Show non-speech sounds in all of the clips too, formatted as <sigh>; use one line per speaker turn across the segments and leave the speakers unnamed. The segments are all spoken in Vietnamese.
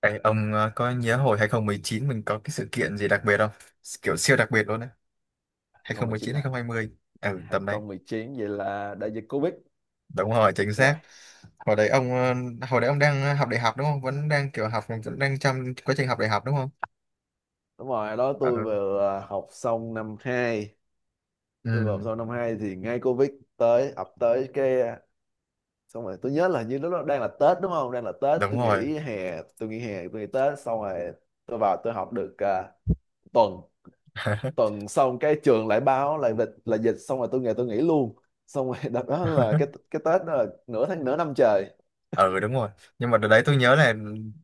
Ê, ông có nhớ hồi 2019 mình có cái sự kiện gì đặc biệt không? Kiểu siêu đặc biệt luôn đấy. Hai hai không không
2019
chín hai
à?
2020. Ừ, tầm đấy.
2019 vậy là đại dịch Covid.
Đúng rồi, chính
Uầy,
xác. Hồi đấy ông hồi đấy ông đang học đại học đúng không? Vẫn đang kiểu học vẫn đang trong quá trình học đại học đúng không?
đúng rồi, đó tôi
Ừ.
vừa học xong năm hai. Tôi vừa học
Ừ,
xong năm 2 thì ngay Covid tới, ập tới cái xong rồi tôi nhớ là như lúc đó đang là Tết đúng không? Đang là Tết,
đúng
tôi
rồi.
nghỉ hè, tôi nghỉ hè, tôi nghỉ Tết. Xong rồi tôi vào tôi học được tuần.
<laughs>
Tuần xong cái trường lại báo là dịch, là dịch. Xong rồi tôi nghỉ luôn. Xong rồi <laughs> đợt đó là cái Tết đó là nửa tháng, nửa năm trời.
Ừ, đúng rồi, nhưng mà đợt đấy tôi nhớ là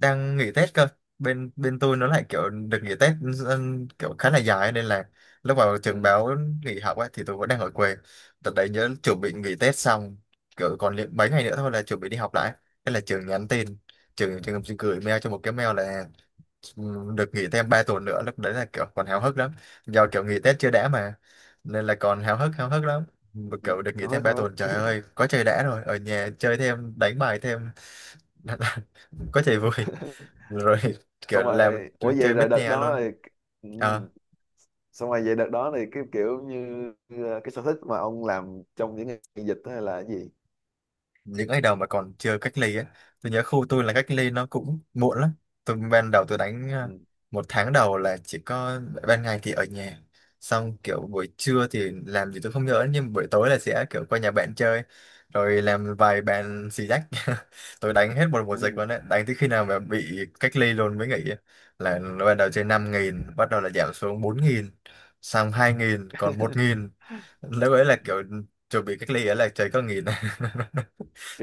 đang nghỉ Tết cơ, bên bên tôi nó lại kiểu được nghỉ Tết, kiểu khá là dài nên là lúc vào trường
Ừ,
báo nghỉ học ấy thì tôi vẫn đang ở quê. Đợt đấy nhớ chuẩn bị nghỉ Tết xong, kiểu còn li- mấy ngày nữa thôi là chuẩn bị đi học lại, thế là trường nhắn tin, trường trường gửi mail cho một cái mail là được nghỉ thêm 3 tuần nữa. Lúc đấy là kiểu còn háo hức lắm, do kiểu nghỉ Tết chưa đã mà, nên là còn háo hức lắm. Mà kiểu được nghỉ thêm
hơi
3
khăn
tuần, trời ơi, có chơi đã rồi, ở nhà chơi thêm, đánh bài thêm. <laughs> Có chạy vui
lắm,
rồi, kiểu
xong
làm,
rồi ủa vậy
chơi
là
bết
đợt
nhè
đó
luôn.
thì ừ.
Ờ,
Xong rồi vậy đợt đó thì cái kiểu như cái sở thích mà ông làm trong những ngày dịch đó là cái gì?
những ngày đầu mà còn chưa cách ly á, tôi nhớ khu tôi là cách ly nó cũng muộn lắm. Tôi ban đầu tôi đánh
Ừ.
một tháng đầu là chỉ có ban ngày thì ở nhà, xong kiểu buổi trưa thì làm gì tôi không nhớ, nhưng buổi tối là sẽ kiểu qua nhà bạn chơi rồi làm vài bàn xì dách. <laughs> Tôi đánh hết một mùa dịch
Ừ.
luôn đấy, đánh tới khi nào mà bị cách ly luôn mới nghỉ. Là ban đầu chơi 5.000, bắt đầu là giảm xuống 4.000, xong 2.000, còn một
<laughs>
nghìn, lúc ấy là kiểu chuẩn bị cách ly ấy là chơi có nghìn. <laughs>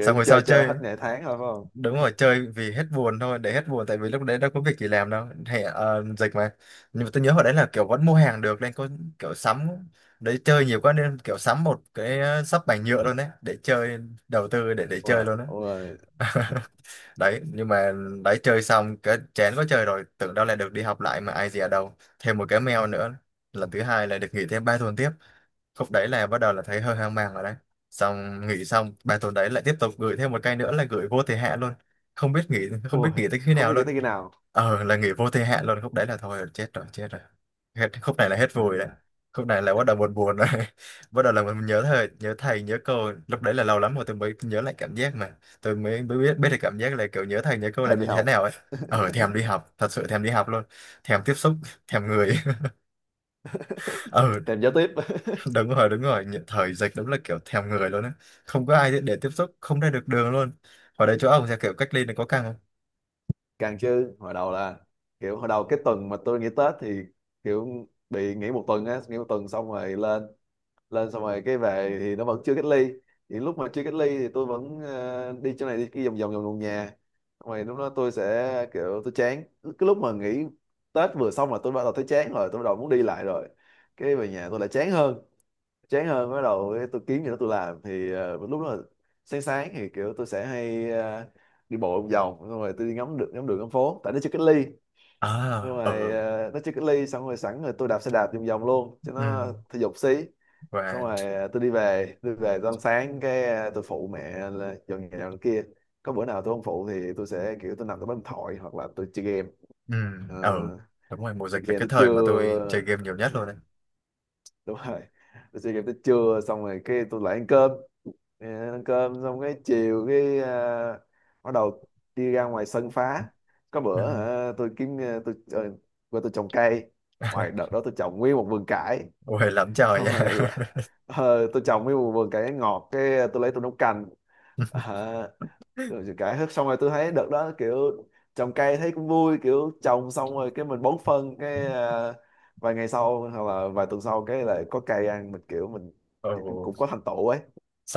Xong hồi sau
chơi cho hết
chơi,
ngày tháng thôi phải không?
đúng rồi, chơi vì hết buồn thôi, để hết buồn, tại vì lúc đấy đâu có việc gì làm đâu hè, dịch mà. Nhưng mà tôi nhớ hồi đấy là kiểu vẫn mua hàng được, nên có kiểu sắm, đấy chơi nhiều quá nên kiểu sắm một cái sắp bành nhựa luôn đấy để chơi, đầu tư để chơi
Wow.
luôn đấy.
Ôi,
<laughs> Đấy, nhưng mà đấy chơi xong cái chén có chơi rồi, tưởng đâu là được đi học lại mà ai dè đâu thêm một cái mail nữa. Lần thứ hai là được nghỉ thêm ba tuần tiếp, khúc đấy là bắt đầu là thấy hơi hoang mang rồi đấy. Xong nghỉ xong bài tuần đấy lại tiếp tục gửi thêm một cây nữa là gửi vô thời hạn luôn, không biết nghỉ, không biết
ôi,
nghỉ tới khi
không
nào
biết nghĩ
luôn.
tới khi nào.
Ờ, là nghỉ vô thời hạn luôn, khúc đấy là thôi chết rồi chết rồi, hết khúc này là hết vui đấy,
Ừ.
khúc này là bắt đầu buồn buồn rồi. <laughs> Bắt đầu là mình nhớ thầy, nhớ thầy nhớ cô, lúc đấy là lâu lắm rồi tôi mới nhớ lại cảm giác, mà tôi mới mới biết biết được cảm giác là kiểu nhớ thầy nhớ cô là
Thèm đi
như thế
học,
nào ấy. Ờ, thèm đi học, thật sự thèm đi học luôn, thèm tiếp xúc, <laughs> thèm người. <laughs> Ờ,
thèm giao tiếp. <laughs>
<laughs> đúng rồi đúng rồi. Nhị- thời dịch đúng là kiểu thèm người luôn á, không có ai để tiếp xúc, không ra được đường luôn. Ở đây chỗ ông sẽ kiểu cách ly này có căng không?
Càng chứ, hồi đầu là kiểu hồi đầu cái tuần mà tôi nghỉ Tết thì kiểu bị nghỉ một tuần á, nghỉ một tuần xong rồi lên lên xong rồi cái về thì nó vẫn chưa cách ly. Thì lúc mà chưa cách ly thì tôi vẫn đi chỗ này đi kia vòng vòng vòng vòng nhà. Xong rồi lúc đó tôi sẽ kiểu tôi chán, cái lúc mà nghỉ Tết vừa xong là tôi bắt đầu thấy chán rồi, tôi bắt đầu muốn đi lại rồi, cái về nhà tôi lại chán hơn, chán hơn, bắt đầu cái tôi kiếm gì đó tôi làm thì lúc đó là sáng sáng thì kiểu tôi sẽ hay đi bộ vòng vòng, xong rồi tôi đi ngắm được ngắm đường ngắm phố tại nó chưa cách ly.
À,
Xong rồi
ừ.
nó chưa cách ly, xong rồi sẵn rồi tôi đạp xe đạp vòng vòng luôn cho
Ừ.
nó thể dục xí. Xong
Và.
rồi tôi đi về tôi về tới ăn sáng cái tôi phụ mẹ là dọn nhà dọn kia. Có bữa nào tôi không phụ thì tôi sẽ kiểu tôi nằm tôi bấm điện thoại hoặc là tôi chơi game.
Ừ.
Ờ,
Ừ, đúng rồi mùa
chơi
dịch là
game
cái
tới
thời mà tôi chơi
trưa.
game nhiều nhất luôn
<laughs>
đấy.
Đúng rồi, tôi chơi game tới trưa, xong rồi cái tôi lại ăn cơm. Ờ, ăn cơm xong cái chiều cái bắt đầu đi ra ngoài sân phá, có bữa
Ừ.
hả, tôi kiếm tôi qua tôi trồng cây, ngoài đợt
<laughs>
đó tôi trồng nguyên một vườn cải.
Ôi lắm trời
Xong
nha.
rồi lại tôi trồng mấy vườn cải ngọt, cái tôi lấy tôi nấu canh.
<laughs>
Ờ, rồi cải hết xong rồi tôi thấy đợt đó kiểu trồng cây thấy cũng vui, kiểu trồng xong rồi cái mình bón phân cái vài ngày sau hoặc là vài tuần sau cái lại có cây ăn, mình kiểu
Ồ.
cũng có thành tựu ấy.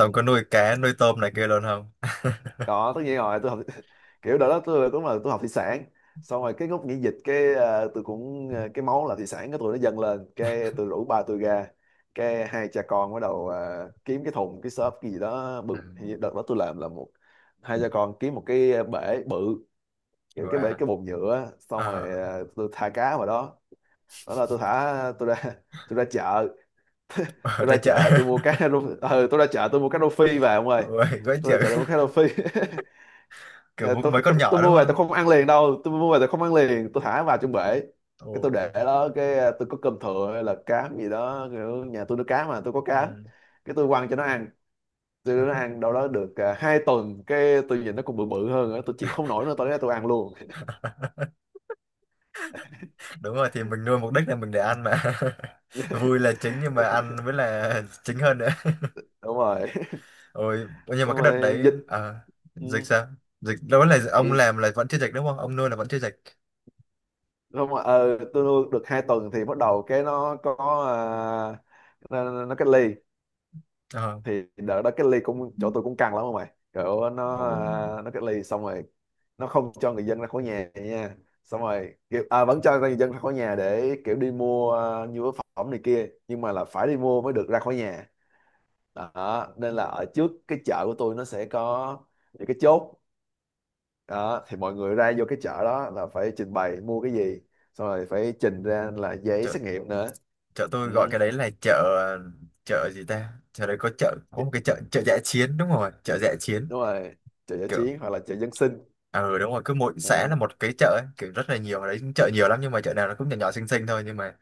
Ừ.
có nuôi cá nuôi tôm này kia luôn không? <laughs>
Có, tất nhiên rồi, tôi học. <laughs> Kiểu đó đó tôi cũng là tôi học thủy sản, xong rồi cái lúc nghỉ dịch cái tôi cũng cái máu là thủy sản cái tôi nó dâng lên, cái tôi rủ ba tôi ra, cái hai cha con bắt đầu kiếm cái thùng cái xốp cái gì đó bự.
Ừ.
Hình như đợt đó tôi làm là một, hai cha con kiếm một cái bể bự, kiểu cái bể
Và.
cái bồn nhựa á. Xong rồi
Ờ.
tôi thả cá vào đó. Đó là tôi thả tôi ra. <laughs> Tôi ra chợ,
Ở
tôi ra
đây chợ.
chợ tôi mua tôi ra chợ tôi mua cá rô phi về ông
<laughs>
ơi,
Ôi quá
tôi
chịu.
ra chợ tôi mua cá rô phi. <laughs>
Kiểu
Dạ,
mua mấy con
tôi
nhỏ đúng
mua về
không?
tôi không ăn liền đâu, tôi mua về tôi không ăn liền, tôi thả vào trong bể,
Ồ.
cái tôi để đó cái tôi có cơm thừa hay là cám gì đó kiểu nhà tôi nuôi cá mà tôi có cám,
Ừ.
cái tôi quăng cho nó ăn. Tôi để nó ăn đâu đó được 2 tuần cái tôi nhìn nó còn bự bự hơn nữa, tôi chịu không nổi nữa tôi lấy tôi ăn luôn.
<laughs> Đúng rồi, thì mình nuôi mục đích là mình để ăn mà. <laughs> Vui là chính nhưng mà ăn mới là <laughs> chính hơn nữa.
<laughs> Đúng rồi.
Ôi,
<laughs>
nhưng mà
Xong
cái đợt
rồi
đấy
dịch. Ừ,
dịch sao? Dịch đâu là ông
thì
làm là vẫn chưa dịch đúng không, ông nuôi là vẫn chưa dịch.
không, mà ờ tôi nuôi được 2 tuần thì bắt đầu cái nó có nó cách ly.
Ờ.
Thì đợt đó cái ly cũng chỗ tôi cũng căng lắm, không mày kiểu
Ồ,
nó nó cái ly xong rồi nó không cho người dân ra khỏi nhà nha. Xong rồi kiểu, vẫn cho người dân ra khỏi nhà để kiểu đi mua nhu yếu phẩm này kia nhưng mà là phải đi mua mới được ra khỏi nhà. Đó nên là ở trước cái chợ của tôi nó sẽ có những cái chốt, đó thì mọi người ra vô cái chợ đó là phải trình bày mua cái gì, xong rồi phải trình ra là giấy
chợ,
xét nghiệm nữa.
chợ tôi
Ừ.
gọi cái đấy là chợ, chợ gì ta, chợ đấy có chợ, có một cái chợ, chợ dã chiến, đúng rồi, chợ dã chiến.
Đúng rồi, chợ giải
Kiểu,
chiến hoặc là chợ dân sinh.
ờ đúng rồi, cứ mỗi xã là
Đấy.
một cái chợ ấy, kiểu rất là nhiều ở đấy, chợ nhiều lắm nhưng mà chợ nào nó cũng nhỏ nhỏ xinh xinh thôi. Nhưng mà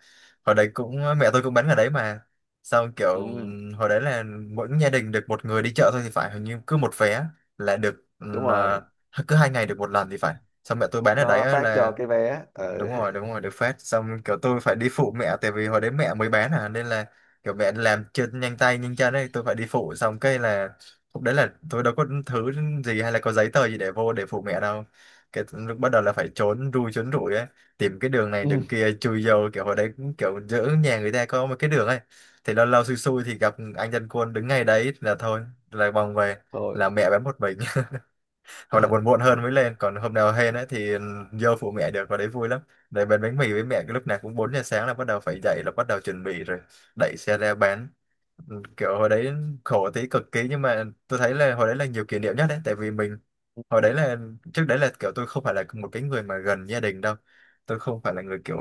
hồi đấy cũng mẹ tôi cũng bán ở đấy mà, xong kiểu
Ừ.
hồi đấy là mỗi gia đình được một người đi chợ thôi thì phải, hình như cứ một vé là được,
Đúng rồi,
cứ hai ngày được một lần thì phải. Xong mẹ tôi bán ở đấy
nó
á
phát cho
là
cái vé. Ừ.
đúng rồi đúng rồi, được phát. Xong kiểu tôi phải đi phụ mẹ tại vì hồi đấy mẹ mới bán à, nên là kiểu mẹ làm chân nhanh tay nhanh chân ấy, tôi phải đi phụ. Xong cái là lúc đấy là tôi đâu có thứ gì hay là có giấy tờ gì để vô để phụ mẹ đâu, cái lúc bắt đầu là phải trốn ru trốn rủi ấy, tìm cái đường này
Ừ.
đường kia chui vô. Kiểu hồi đấy cũng kiểu giữa nhà người ta có một cái đường ấy, thì lâu lâu xui xui thì gặp anh dân quân đứng ngay đấy là thôi, là vòng về,
Thôi.
là mẹ bán một mình, hoặc là buồn
<laughs>
muộn hơn mới lên. Còn hôm nào hên ấy thì vô phụ mẹ được, vào đấy vui lắm, để bán bánh mì với mẹ. Cái lúc nào cũng 4 giờ sáng là bắt đầu phải dậy, là bắt đầu chuẩn bị rồi, đẩy xe ra bán. Kiểu hồi đấy khổ tí cực kỳ, nhưng mà tôi thấy là hồi đấy là nhiều kỷ niệm nhất đấy, tại vì mình hồi đấy là trước đấy là kiểu tôi không phải là một cái người mà gần gia đình đâu, tôi không phải là người kiểu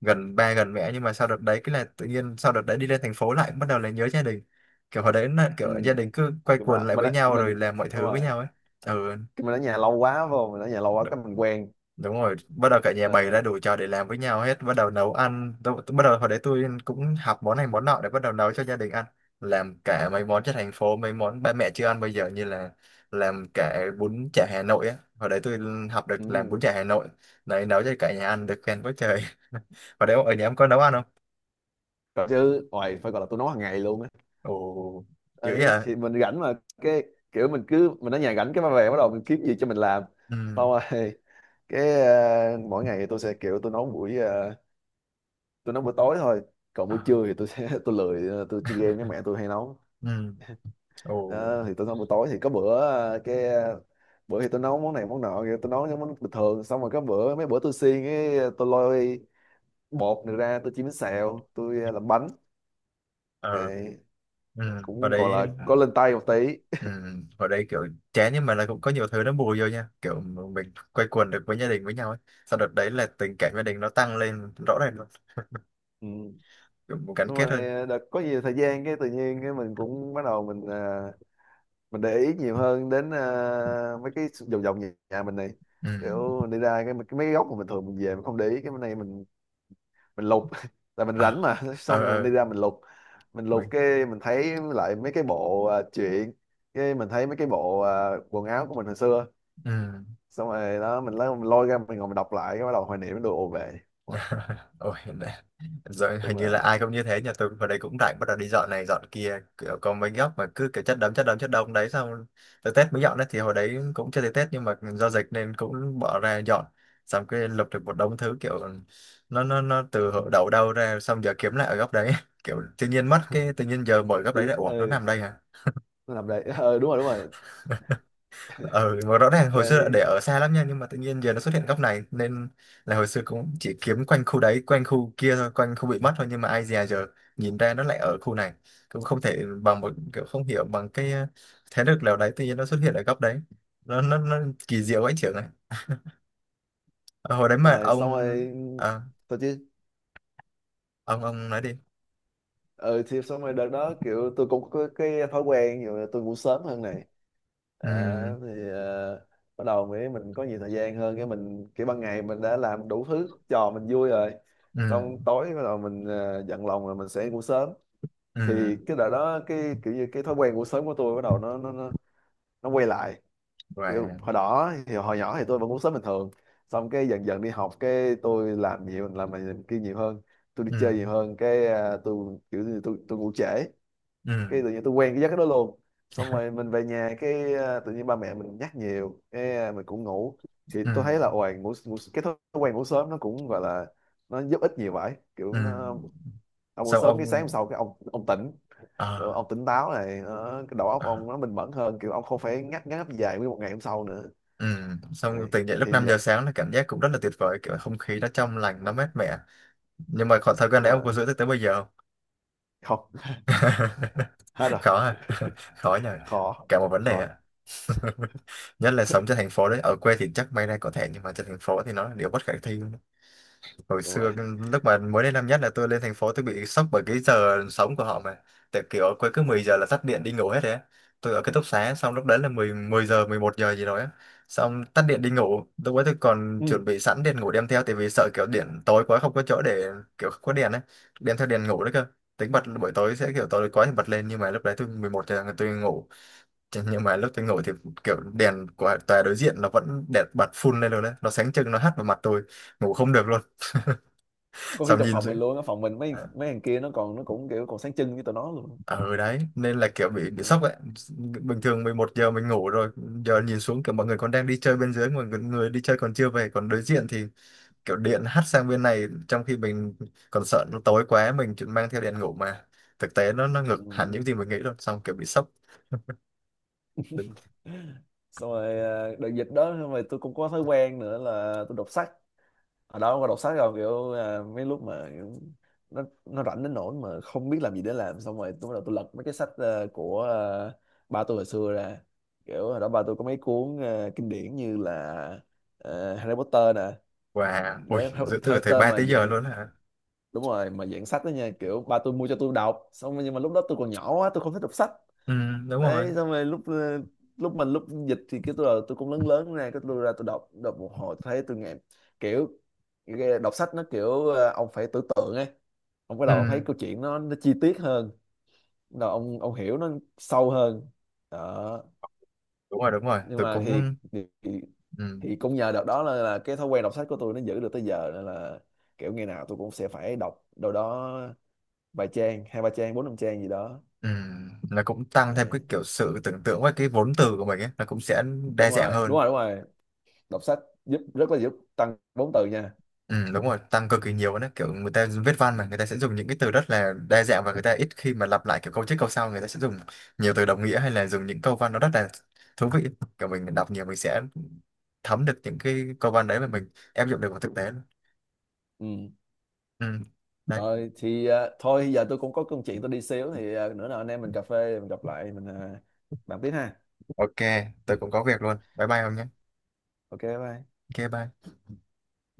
gần ba gần mẹ. Nhưng mà sau đợt đấy cái là tự nhiên sau đợt đấy đi lên thành phố lại bắt đầu là nhớ gia đình, kiểu hồi đấy là kiểu
Ừ.
gia đình cứ quay
Nhưng
quần
mà
lại với nhau
mình
rồi làm mọi
đúng
thứ với
rồi,
nhau ấy. Ừ
cái mình ở nhà lâu quá vô, mình ở nhà lâu quá cái mình quen.
đúng rồi, bắt đầu cả nhà bày ra
Ờ,
đủ trò để làm với nhau hết, bắt đầu nấu ăn. Bắt đầu hồi đấy tôi cũng học món này món nọ để bắt đầu nấu cho gia đình ăn, làm cả mấy món trên thành phố, mấy món ba mẹ chưa ăn bây giờ, như là làm cả bún chả Hà Nội á. Hồi đấy tôi học được làm bún
ừ.
chả Hà Nội đấy, nấu cho cả nhà ăn được khen quá trời. <laughs> Hồi đấy ở nhà em có nấu ăn không?
Còn chứ ngoài, phải gọi là tôi nấu hàng ngày luôn á.
Ồ, dữ
Đấy,
à.
thì mình rảnh mà cái kiểu mình cứ mình ở nhà rảnh cái mà về bắt đầu mình kiếm gì cho mình làm.
Ừ.
Xong rồi <laughs> cái mỗi ngày thì tôi sẽ kiểu tôi nấu buổi tôi nấu buổi tối thôi, còn buổi
À,
trưa thì tôi sẽ <laughs> tôi lười tôi chơi game với mẹ tôi hay nấu.
ừ. Ồ.
Ờ, thì tôi nấu buổi tối thì có bữa cái bữa thì tôi nấu món này món nọ kìa, tôi nấu những món bình thường, xong rồi có bữa mấy bữa tôi xiên cái tôi lôi bột này ra tôi chiên bánh xèo tôi làm bánh.
Ờ.
Đấy,
Ừ. Hồi
cũng gọi
đấy.
là có lên tay một tí.
Ừ, hồi đây kiểu chán nhưng mà là cũng có nhiều thứ nó bù vô nha, kiểu mình quây quần được với gia đình với nhau ấy. Sau đợt đấy là tình cảm gia đình nó tăng lên rõ ràng luôn,
Ừ.
kiểu một gắn
Xong
kết hơn.
rồi đợt có nhiều thời gian cái tự nhiên cái mình cũng bắt đầu mình mình để ý nhiều hơn đến mấy cái vòng vòng nhà, mình này,
Ừ.
kiểu mình đi ra cái mấy cái góc mà mình thường mình về mình không để ý cái bên này mình lục. <laughs> Là mình rảnh
Ờ.
mà. <laughs> Xong
Ờ.
rồi mình đi ra mình lục, mình lục
Mình.
cái mình thấy lại mấy cái bộ truyện, cái mình thấy mấy cái bộ quần áo của mình hồi xưa,
Ừ.
xong rồi đó mình lấy mình lôi ra mình ngồi mình đọc lại cái bắt đầu hoài niệm đồ về. Uầy,
<laughs> Ôi, rồi
đúng
hình như
là
là ai cũng như thế. Nhà tôi vào đây cũng rảnh, bắt đầu đi dọn này dọn kia, kiểu có mấy góc mà cứ kiểu chất đống chất đống chất đống đấy, xong tới Tết mới dọn đấy, thì hồi đấy cũng chưa tới Tết nhưng mà do dịch nên cũng bỏ ra dọn. Xong cái lục được một đống thứ, kiểu nó từ hồi đầu đâu ra, xong giờ kiếm lại ở góc đấy. <laughs> Kiểu tự nhiên mất cái tự nhiên giờ mở góc
tự
đấy
nhiên
lại, ủa nó nằm
ừ
đây hả?
nó làm đấy. <laughs> Ừ, đúng rồi
Ở mà rõ ràng hồi xưa là để
đấy.
ở xa lắm nha, nhưng mà tự nhiên giờ nó xuất hiện góc này, nên là hồi xưa cũng chỉ kiếm quanh khu đấy quanh khu kia thôi, quanh khu bị mất thôi, nhưng mà ai dè giờ nhìn ra nó lại ở khu này. Cũng không thể bằng một kiểu không hiểu bằng cái thế lực nào đấy tự nhiên nó xuất hiện ở góc đấy, nó kỳ
Đúng
diệu ấy trưởng này. Ờ, hồi đấy mà
rồi,
ông
xong rồi
à,
tôi chứ.
ông, ông nói đi.
Ừ thì xong rồi đợt đó kiểu tôi cũng có cái thói quen ví dụ là tôi ngủ sớm hơn này, à,
Ừ.
thì bắt đầu mới mình có nhiều thời gian hơn cái mình cái ban ngày mình đã làm đủ thứ trò mình vui rồi,
Ừ.
xong tối bắt đầu mình giận lòng rồi mình sẽ ngủ sớm.
Ừ.
Thì cái đợt đó cái kiểu như cái thói quen ngủ sớm của tôi bắt đầu nó quay lại. Kiểu
Và.
hồi đó thì hồi nhỏ thì tôi vẫn ngủ sớm bình thường, xong cái dần dần đi học cái tôi làm nhiều làm này làm kia nhiều hơn, tôi đi
Ừ.
chơi nhiều hơn cái tôi kiểu như tôi ngủ trễ, cái
Ừ.
tự nhiên tôi quen cái giấc đó luôn. Xong rồi mình về nhà cái tự nhiên ba mẹ mình nhắc nhiều cái mình cũng ngủ, thì
Ừ.
tôi thấy là ôi ngủ cái thói quen ngủ sớm nó cũng gọi là nó giúp ích nhiều vậy
Ừ.
kiểu nó, ông ngủ
Xong
sớm cái sáng hôm
ông,
sau cái ông tỉnh. Kiểu
ờ.
ông tỉnh táo này nó, cái đầu óc
Ờ.
ông nó bình mẫn hơn, kiểu ông không phải ngáp ngáp dài nguyên một ngày hôm sau nữa.
Ừ, xong
Đấy,
tỉnh dậy lúc
thì
5 giờ
vậy.
sáng là cảm giác cũng rất là tuyệt vời, kiểu không khí nó trong lành
Đúng
nó
rồi,
mát mẻ. Nhưng mà khoảng thời gian
đúng
đấy ông
rồi.
có giữ tới tới bây giờ không?
Không. <laughs> Hết
<laughs>
rồi.
Khó à? <laughs> Khó nhờ,
Khó,
cả một vấn đề
khó,
ạ. <laughs> Nhất là sống trên thành phố đấy, ở quê thì chắc may ra có thể nhưng mà trên thành phố thì nó là điều bất khả thi. Hồi
đúng rồi.
xưa cái- lúc mà mới đến năm nhất là tôi lên thành phố tôi bị sốc bởi cái giờ sống của họ mà. Tại kiểu quay cứ 10 giờ là tắt điện đi ngủ hết đấy á. Tôi ở ký túc xá, xong lúc đấy là 10 10 giờ 11 giờ gì đó á. Xong tắt điện đi ngủ, lúc ấy tôi còn
Ừ.
chuẩn bị sẵn đèn ngủ đem theo, tại vì sợ kiểu điện tối quá không có chỗ để, kiểu không có đèn ấy, đem theo đèn ngủ đấy cơ, tính bật buổi tối sẽ kiểu tối quá thì bật lên. Nhưng mà lúc đấy tôi 11 giờ là tôi ngủ. Chứ nhưng mà lúc tôi ngủ thì kiểu đèn của tòa đối diện nó vẫn đẹp bật full lên rồi đấy, nó sáng trưng nó hắt vào mặt tôi, ngủ không được luôn. <laughs>
Có khi
Xong
trong
nhìn.
phòng mình luôn á, phòng mình mấy
Ờ,
mấy thằng kia nó còn nó cũng kiểu còn sáng trưng với tụi nó luôn.
ừ đấy nên là kiểu bị sốc ấy. Bình thường 11 giờ mình ngủ rồi, giờ nhìn xuống kiểu mọi người còn đang đi chơi bên dưới, mọi người, người đi chơi còn chưa về, còn đối diện thì kiểu điện hắt sang bên này, trong khi mình còn sợ nó tối quá mình chỉ mang theo đèn ngủ mà. Thực tế nó
Ừ.
ngược hẳn những gì mình nghĩ luôn, xong kiểu bị sốc. Đúng.
Xong rồi đợt dịch đó xong rồi tôi cũng có thói quen nữa là tôi đọc sách, ở đó có đọc sách rồi kiểu mấy lúc mà kiểu nó rảnh đến nỗi mà không biết làm gì để làm, xong rồi tôi bắt đầu tôi lật mấy cái sách của à, ba tôi hồi xưa ra. Kiểu hồi đó ba tôi có mấy cuốn kinh điển như là Harry Potter nè.
Và ui,
Đấy, Harry
giữ từ thời
Potter
3
mà
tới giờ
dạng
luôn hả?
đúng rồi mà dạng sách đó nha kiểu ba tôi mua cho tôi đọc xong rồi nhưng mà lúc đó tôi còn nhỏ quá tôi không thích đọc sách.
Ừ đúng rồi.
Đấy xong rồi lúc ờ, lúc mình lúc dịch thì cái tôi là tôi cũng lớn lớn ra cái tôi ra tôi đọc đọc một hồi thấy tôi nghe, kiểu cái đọc sách nó kiểu ông phải tưởng tượng ấy, ông bắt đầu ông thấy
Ừ
câu chuyện nó chi tiết hơn, bắt đầu ông hiểu nó sâu hơn đó.
đúng rồi đúng rồi,
Nhưng
tôi
mà
cũng.
thì thì,
Ừ.
thì cũng nhờ đợt đó là cái thói quen đọc sách của tôi nó giữ được tới giờ nên là kiểu ngày nào tôi cũng sẽ phải đọc đâu đó vài trang hai ba trang bốn năm trang gì đó.
Ừ. Nó cũng tăng thêm cái
Đấy.
kiểu sự tưởng tượng với cái vốn từ của mình ấy, nó cũng sẽ đa
Đúng
dạng
rồi đúng
hơn.
rồi đúng rồi, đọc sách giúp, rất là giúp tăng vốn từ nha.
Ừ, đúng rồi, tăng cực kỳ nhiều nữa, kiểu người ta viết văn mà người ta sẽ dùng những cái từ rất là đa dạng và người ta ít khi mà lặp lại, kiểu câu trước câu sau người ta sẽ dùng nhiều từ đồng nghĩa hay là dùng những câu văn nó rất là thú vị. Kiểu mình đọc nhiều mình sẽ thấm được những cái câu văn đấy mà mình áp dụng được vào thực tế luôn.
Ừ.
Ừ. Đấy.
Rồi thì thôi giờ tôi cũng có công chuyện tôi đi xíu, thì nữa nào anh em mình cà phê mình gặp lại mình bàn tiếp ha.
OK, tôi cũng có việc luôn, bye bye ông nhé.
Ok bye.
OK, bye.